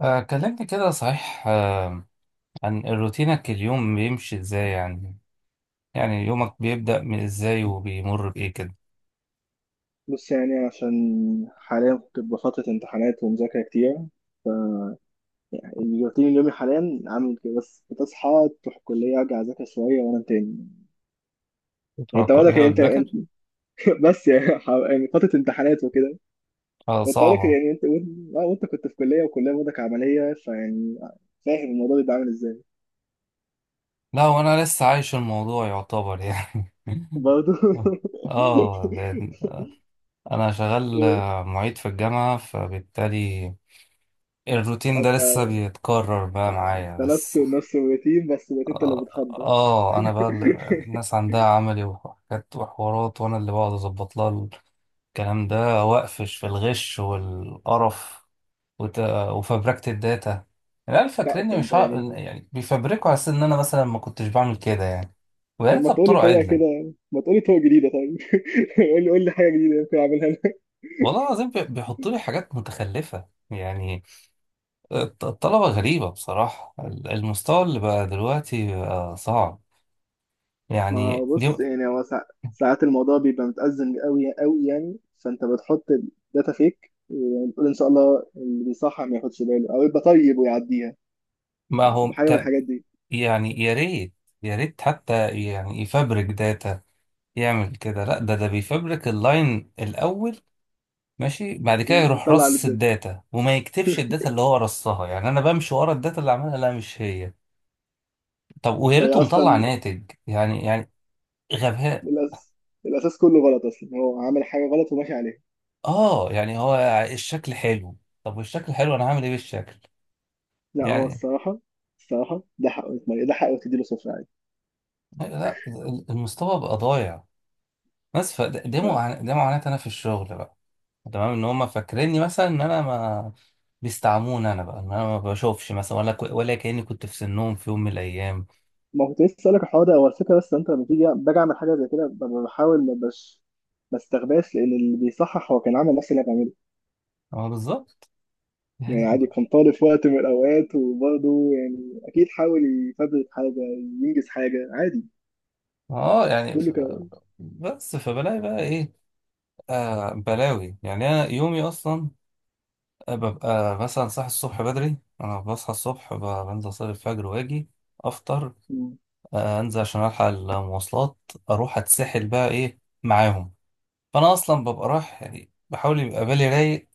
آه، كلمني كده صحيح آه، عن روتينك. اليوم بيمشي ازاي يعني، يعني يومك بيبدأ من ازاي وبيمر بإيه كده؟ بص يعني عشان حاليا كنت بفترة امتحانات ومذاكرة كتير. يعني الروتين اليومي حاليا عامل كده، بس بتصحى تروح الكلية أرجع أذاكر شوية وأنام تاني. يعني بتروح أنت وضعك، كلها يعني وتذاكر. بس يعني يعني فترة امتحانات وكده. آه أنت وضعك صعبة. يعني أنت آه، وأنت كنت في كلية، وكلية وضعك عملية، فيعني فاهم الموضوع بيبقى عامل إزاي. لا وانا لسه عايش الموضوع يعتبر يعني. برضه اه لأن انا شغال إيه؟ آه، معيد في الجامعة، فبالتالي الروتين ده أنت لسه بيتكرر بقى معايا. أنت بس نفسه نفس الروتين، بس بقيت أنت اللي اه, بتحضر. آه انا بقى يعني الناس عندها عملي وحاجات وحوارات، وانا اللي بقعد اظبط لها الكلام ده. وقفش في الغش والقرف وت... وفبركة الداتا. العيال لا، فاكريني طب مش ع... يعني يعني بيفبركوا على أساس إن أنا مثلا ما كنتش بعمل كده يعني. ويا لما ريتها تقولي بطرق طريقة عدلة. كده، ما تقولي طرق جديدة. طيب قولي حاجة جديدة يمكن أعملها أنا. والله العظيم بيحطوا لي حاجات متخلفة يعني. الطلبة غريبة بصراحة، المستوى اللي بقى دلوقتي بقى صعب. ما يعني دي. بص، يعني ساعات الموضوع بيبقى متأزم قوي قوي، يعني فأنت بتحط الداتا فيك وتقول إن شاء الله اللي بيصحى ما ياخدش باله، أو يبقى طيب ويعديها. ما يعني هو تبقى حاجة من ت- الحاجات دي، يعني يا ريت، يا ريت حتى يعني يفبرك داتا يعمل كده. لا، ده بيفبرك اللاين الأول ماشي، بعد كده يروح ويطلع على رص الداتا. الداتا وما يكتبش الداتا اللي هو رصها. يعني انا بمشي ورا الداتا اللي عملها، لا مش هي. طب ويا فهي ريته مطلع أصلا ناتج، يعني يعني غباء. الأساس الأساس كله غلط أصلا، هو عامل حاجة غلط وماشي عليها. اه يعني هو الشكل حلو. طب والشكل حلو انا هعمل ايه بالشكل؟ لا، هو يعني الصراحة، الصراحة ده حقه يتميز، ده حقه تديله صفر عادي. لا، المستوى بقى ضايع. بس فده، ده معاناة انا في الشغل بقى. تمام، ان هم فاكريني مثلا ان انا ما بيستعموني، انا بقى ان انا ما بشوفش مثلا، ولا ولا كأني كنت في سنهم في يوم من الايام. ما كنت لسه اسالك الحوار ده، هو الفكره بس انت لما تيجي باجي اعمل حاجه زي كده، بحاول ما استخباش، لان اللي بيصحح هو كان عامل نفس اللي انا بعمله. اه بالظبط يعني يعني. عادي كان طالب في وقت من الاوقات، وبرضه يعني اكيد حاول يفبرك حاجه، ينجز حاجه عادي. اه يعني ف... كله كان. بس فبلاقي بقى ايه؟ آه بلاوي. يعني انا يومي اصلا آه، ببقى مثلا صاحي الصبح بدري. انا بصحى الصبح، بنزل اصلي الفجر واجي افطر، آه انزل عشان الحق المواصلات، اروح اتسحل بقى ايه معاهم. فانا اصلا ببقى رايح، يعني بحاول يبقى بالي رايق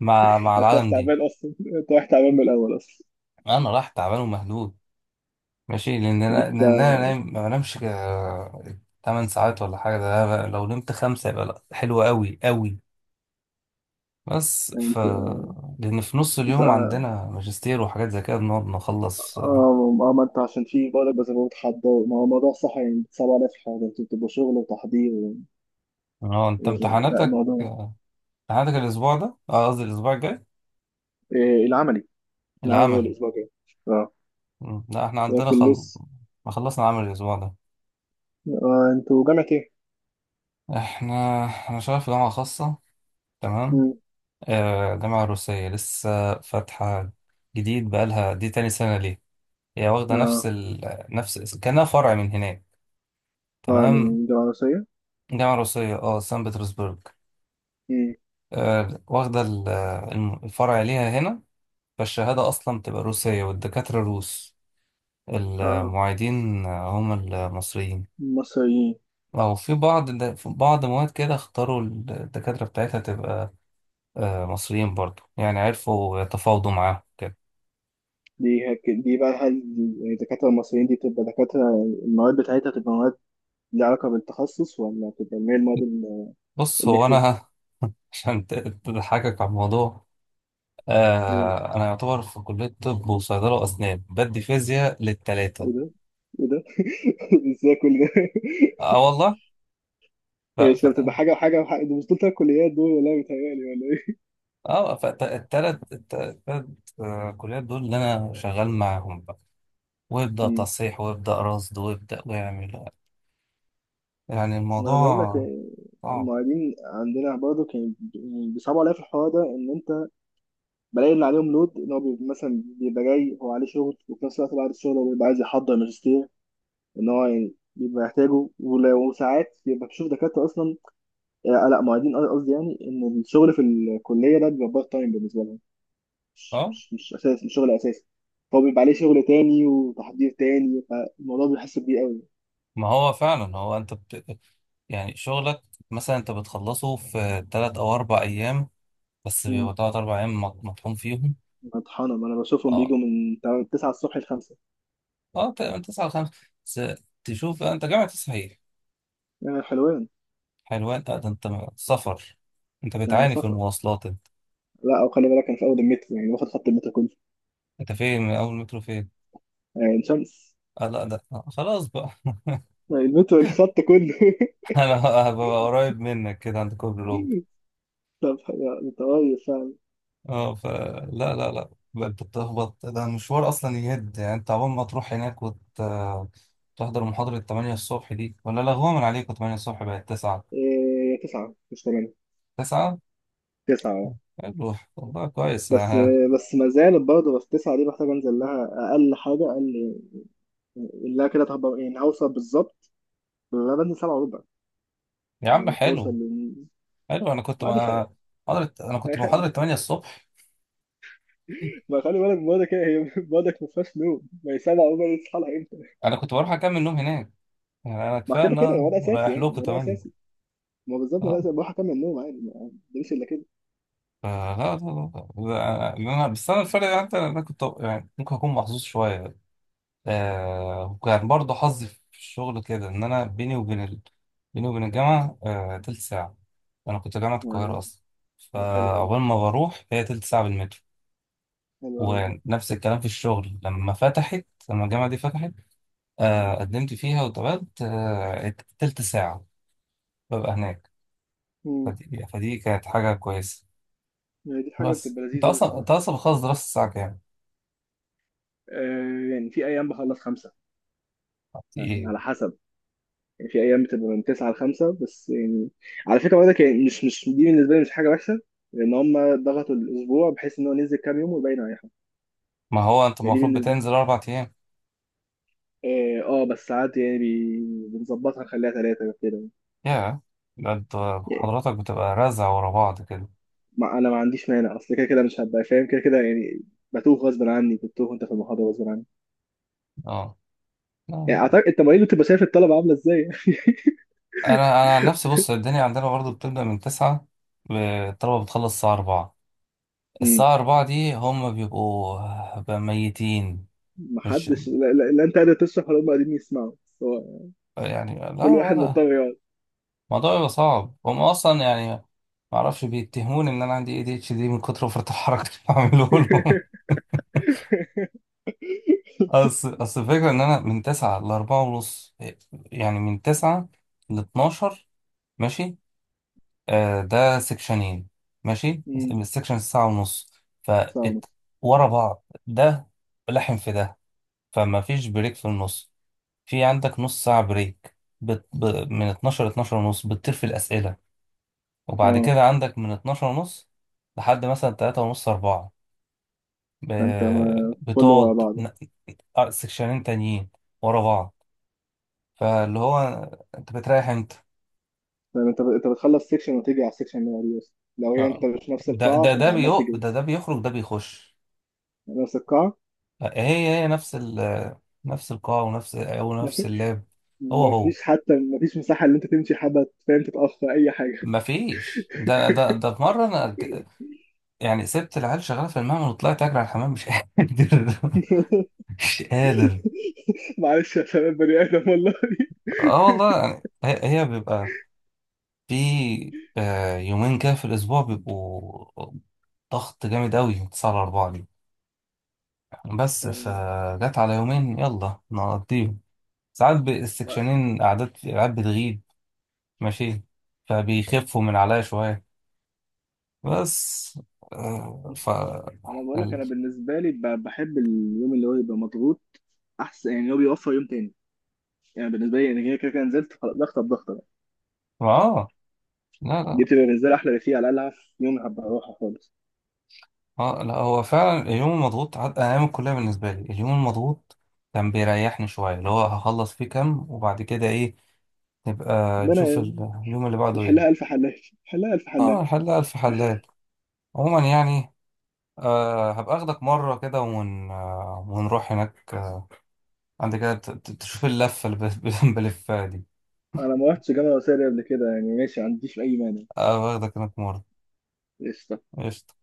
مع انت رايح العالم دي. تعبان اصلا، انت رايح تعبان من الاول اصلا. انا رايح تعبان ومهدود ماشي، لان انا لأن انت أنا نايم ما بنامش 8 ساعات ولا حاجه. ده بقى لو نمت خمسه يبقى لا حلو قوي قوي. بس انت لأن في نص انت اليوم اه. عندنا ماجستير وحاجات زي كده بنقعد اه. نخلص آه،. آه، ما انت عشان في بقولك، بس هو تحضر، ما هو الموضوع صح، يعني صعب عليا في حاجه انتوا بتبقوا شغل وتحضير و... اه انت و... لا، امتحاناتك الموضوع. آه، امتحاناتك الأسبوع ده، اه قصدي الأسبوع الجاي؟ إيه؟ العملي. العمل يوم العملي. الأسبوع الجاي. اه مم، لا احنا عندنا لكن لسه. ما خلصنا عمل الأسبوع ده. آه، انتوا جامعة ايه؟ احنا، أنا شغال في جامعة خاصة، تمام. مم. آه جامعة روسية لسه فاتحة جديد، بقالها دي تاني سنة ليه. هي واخدة اه. نفس كأنها فرع من هناك، اه، تمام. من جامعة مصرية؟ جامعة روسية اه، سان بطرسبرغ. مم. آه، واخدة آه، الفرع ليها هنا. فالشهادة أصلا بتبقى روسية والدكاترة روس. اه، المعيدين آه، هم المصريين. مصريين. أو في بعض في بعض مواد كده اختاروا الدكاترة بتاعتها تبقى آه، مصريين برضو. يعني عرفوا يتفاوضوا معاهم كده. دي بقى، هل يعني الدكاترة المصريين دي بتبقى دكاترة المواد بتاعتها بتبقى مواد ليها علاقة بالتخصص، ولا بتبقى اللي هي المواد بص هو الإلكتيف؟ أنا. عشان تضحكك على الموضوع، ايه آه، أنا يعتبر في كلية طب وصيدلة وأسنان بدي فيزياء للتلاتة. ده؟ ايه ده؟ ازاي كل ده؟ أه هي مش بتبقى والله. حاجة وحاجة وحاجة؟ دي مش دول تلات كليات دول؟ ولا بيتهيألي؟ ولا اه التلات آه، كليات دول اللي انا شغال معاهم بقى، ويبدأ ايه؟ تصحيح ويبدأ رصد ويبدأ ويعمل. يعني ما انا بقول لك، الموضوع صعب. المعيدين عندنا برضه كانوا بيصعبوا عليا في الحوار ده، ان انت بلاقي اللي عليهم لود، ان هو بيبقى مثلا بيبقى جاي هو عليه شغل، وفي نفس الوقت بعد الشغل هو بيبقى عايز يحضر ماجستير، ان هو يعني بيبقى يحتاجه، وساعات بيبقى بتشوف دكاتره اصلا. آه، لا معيدين قصدي، يعني ان الشغل في الكليه ده بيبقى بارت تايم بالنسبه لهم، مش اه. مش مش اساس، مش شغل اساسي. فهو بيبقى عليه شغل تاني وتحضير تاني، فالموضوع بيحس بيه قوي. ما هو فعلا هو انت يعني شغلك مثلا انت بتخلصه في تلات او اربع ايام، بس مم. بيبقى تلات اربع ايام مطحون فيهم. مطحنة، ما انا بشوفهم اه. بيجوا من 9 الصبح ل 5. اه تقريبا تسعة لخمسة بس. تشوف انت جامعة تصحيح. يعني حلوين. حلوان، لا ده انت سفر، انت يعني بتعاني في سفر. المواصلات انت. لا، او خلي بالك انا في اول المترو، يعني واخد خط المترو كله. انت فين من اول مترو فين؟ عين شمس. اه لا ده آه، خلاص بقى. المترو الخط كله انا هبقى قريب منك كده عند كوبري لوب. طب انت قريب فعلا. اه فلا لا لا لا، بقى انت بتخبط، ده المشوار اصلا يهد، يعني انت عقبال ما تروح هناك وتحضر محاضرة 8 الصبح دي، ولا لغوها من عليكم 8 الصبح بقت 9. إيه، 9 مش 8. 9 تسعة، اه. حلو والله كويس بس آه. بس ما زالت برضه، بس 9 دي محتاج انزل لها اقل حاجة، اقل اللي كده تهبر، يعني هوصل بالظبط. انا بنزل 7:15 يا على عم ما توصل حلو. لل... حلو، انا كنت بعد خير. بقى محاضرة، انا ما كنت خير. محاضرة 8 الصبح. ما خلي بالك برضه كده هي برضك ما فيهاش نوم، ما هي 7:15 دي تصحى لها امتى؟ انا كنت بروح اكمل نوم هناك، يعني انا ما كفايه كده ان كده انا وده اساسي، رايح يعني لكم وده 8. اساسي. ما بالظبط، ما اه لازم بروح اكمل النوم عادي. ما مش الا كده. آه لا، لا لا لا انا بس، انا الفرق يعني انت، انا كنت يعني ممكن اكون محظوظ شويه آه. وكان برضه حظي في الشغل كده ان انا بيني وبين الجامعه آه تلت ساعه. انا كنت جامعه القاهره ما- اصلا، ده حلو ده، فعقبال ما بروح هي تلت ساعه بالمترو. حلو قوي دي. ونفس الكلام في الشغل لما فتحت، لما الجامعه دي فتحت، آه قدمت فيها واتقبلت آه تلت ساعه ببقى هناك. مم. فدي كانت حاجه كويسه. يعني دي حاجه بس بتبقى انت لذيذه أوي اصلا، الصراحه. بتخلص دراسه الساعه آه، يعني في ايام بخلص خمسه. يعني كام؟ على حسب، يعني في ايام بتبقى من 9 لـ 5 بس. يعني على فكره برضك، يعني مش دي بالنسبه لي مش حاجه وحشه، لان هم ضغطوا الاسبوع بحيث ان هو ننزل كام يوم ويبين على حاجه. ما هو انت يعني دي المفروض بتنزل بالنسبه، اربع ايام. اه آه، بس ساعات يعني بنظبطها نخليها ثلاثه كده. يا، ده انت يعني حضرتك بتبقى رزع ورا بعض كده. ما انا ما عنديش مانع، اصل كده كده مش هبقى فاهم كده كده، يعني بتوه غصب عني، بتوه وانت في المحاضره غصب عني. اه يعني آه. اعتقد التمارين اللي بتبقى شايف الطلبه عامله ازاي. انا انا عن نفسي، بص الدنيا عندنا برضو بتبدا من تسعة، ب- الطلبه بتخلص الساعه أربعة. مم. الساعه أربعة دي هم بيبقوا بقى ميتين. مش، محدش، لا، انت قادر تشرح ولا هم قادرين يسمعوا؟ بس هو يعني لا كل واحد الوضع، مضطر يقعد. الموضوع بيبقى صعب هم اصلا يعني، ما اعرفش بيتهموني ان انا عندي اي دي اتش دي من كتر فرط الحركه اللي بعمله. اصل الفكره ان انا من 9 ل 4 ونص، يعني من 9 ل 12 ماشي، آه ده سكشنين ماشي، مم. السكشن ساعه ونص. ف ساعة ونص. ورا بعض ده لحم في ده، فما فيش بريك في النص، في عندك نص ساعه بريك بت... ب... من 12 ل 12 ونص بتطير في الاسئله، وبعد اه، كده عندك من 12 ونص لحد مثلا 3 ونص 4، ب... ده انت ما كله ورا بتقعد بعضه. آه، سكشنين تانيين ورا بعض. فاللي هو انت بتريح امتى؟ يعني انت بتخلص سيكشن وتيجي على السيكشن اللي بعديه، اصلا لو هي آه. انت مش نفس ده القاعه ده فانت ده عمال بيو تجري. ده ده بيخرج ده بيخش. يعني نفس القاعه. هي هي نفس القاع ونفس او نفس اللاب. هو مفيش، حتى مفيش مساحه اللي انت تمشي حبه، فاهم، تتاخر اي حاجه. مفيش. ده ده ده في مره انا يعني سبت العيال شغاله في المعمل وطلعت اجري على الحمام مش قادر. مش قادر. معلش يا شباب، بني ادم والله. اه والله. يعني هي بيبقى في آه، يومين كده في الاسبوع بيبقوا ضغط جامد قوي 9 على 4 دي. بس يعني فجت على يومين يلا نقضيهم. ساعات بقى- السكشنين قعدات العيال بتغيب ماشي، فبيخفوا من عليا شوية. بس آه، مش- انا بقول لك، ال... انا بالنسبه لي بحب اليوم اللي هو يبقى مضغوط، احسن، يعني هو بيوفر يوم تاني. يعني بالنسبه لي انا كده كده كده نزلت خلاص، ضغطه بضغطه بقى. اه لا دي لا. بتبقى بالنسبه لي احلى بكتير، على الاقل هعرف يوم هبقى اروحها خالص. اه لا هو فعلا اليوم المضغوط انا ايام الكلية بالنسبة لي اليوم المضغوط كان بيريحني شوية. اللي هو هخلص فيه كام وبعد كده ايه نبقى ده نشوف انا اليوم اللي بعده ايه. نحلها الف حلال، نحلها الف اه حلال. الحلاقة الف حلال. عموما يعني آه، هبقى اخدك مرة كده آه، ونروح هناك آه، عندك كده تشوف اللفة اللي بلفها دي. انا ما رحتش جامعه وسائل قبل كده، يعني ماشي، ما عنديش اي مانع. اه واخدك هناك مرة. قشطه. قشطة.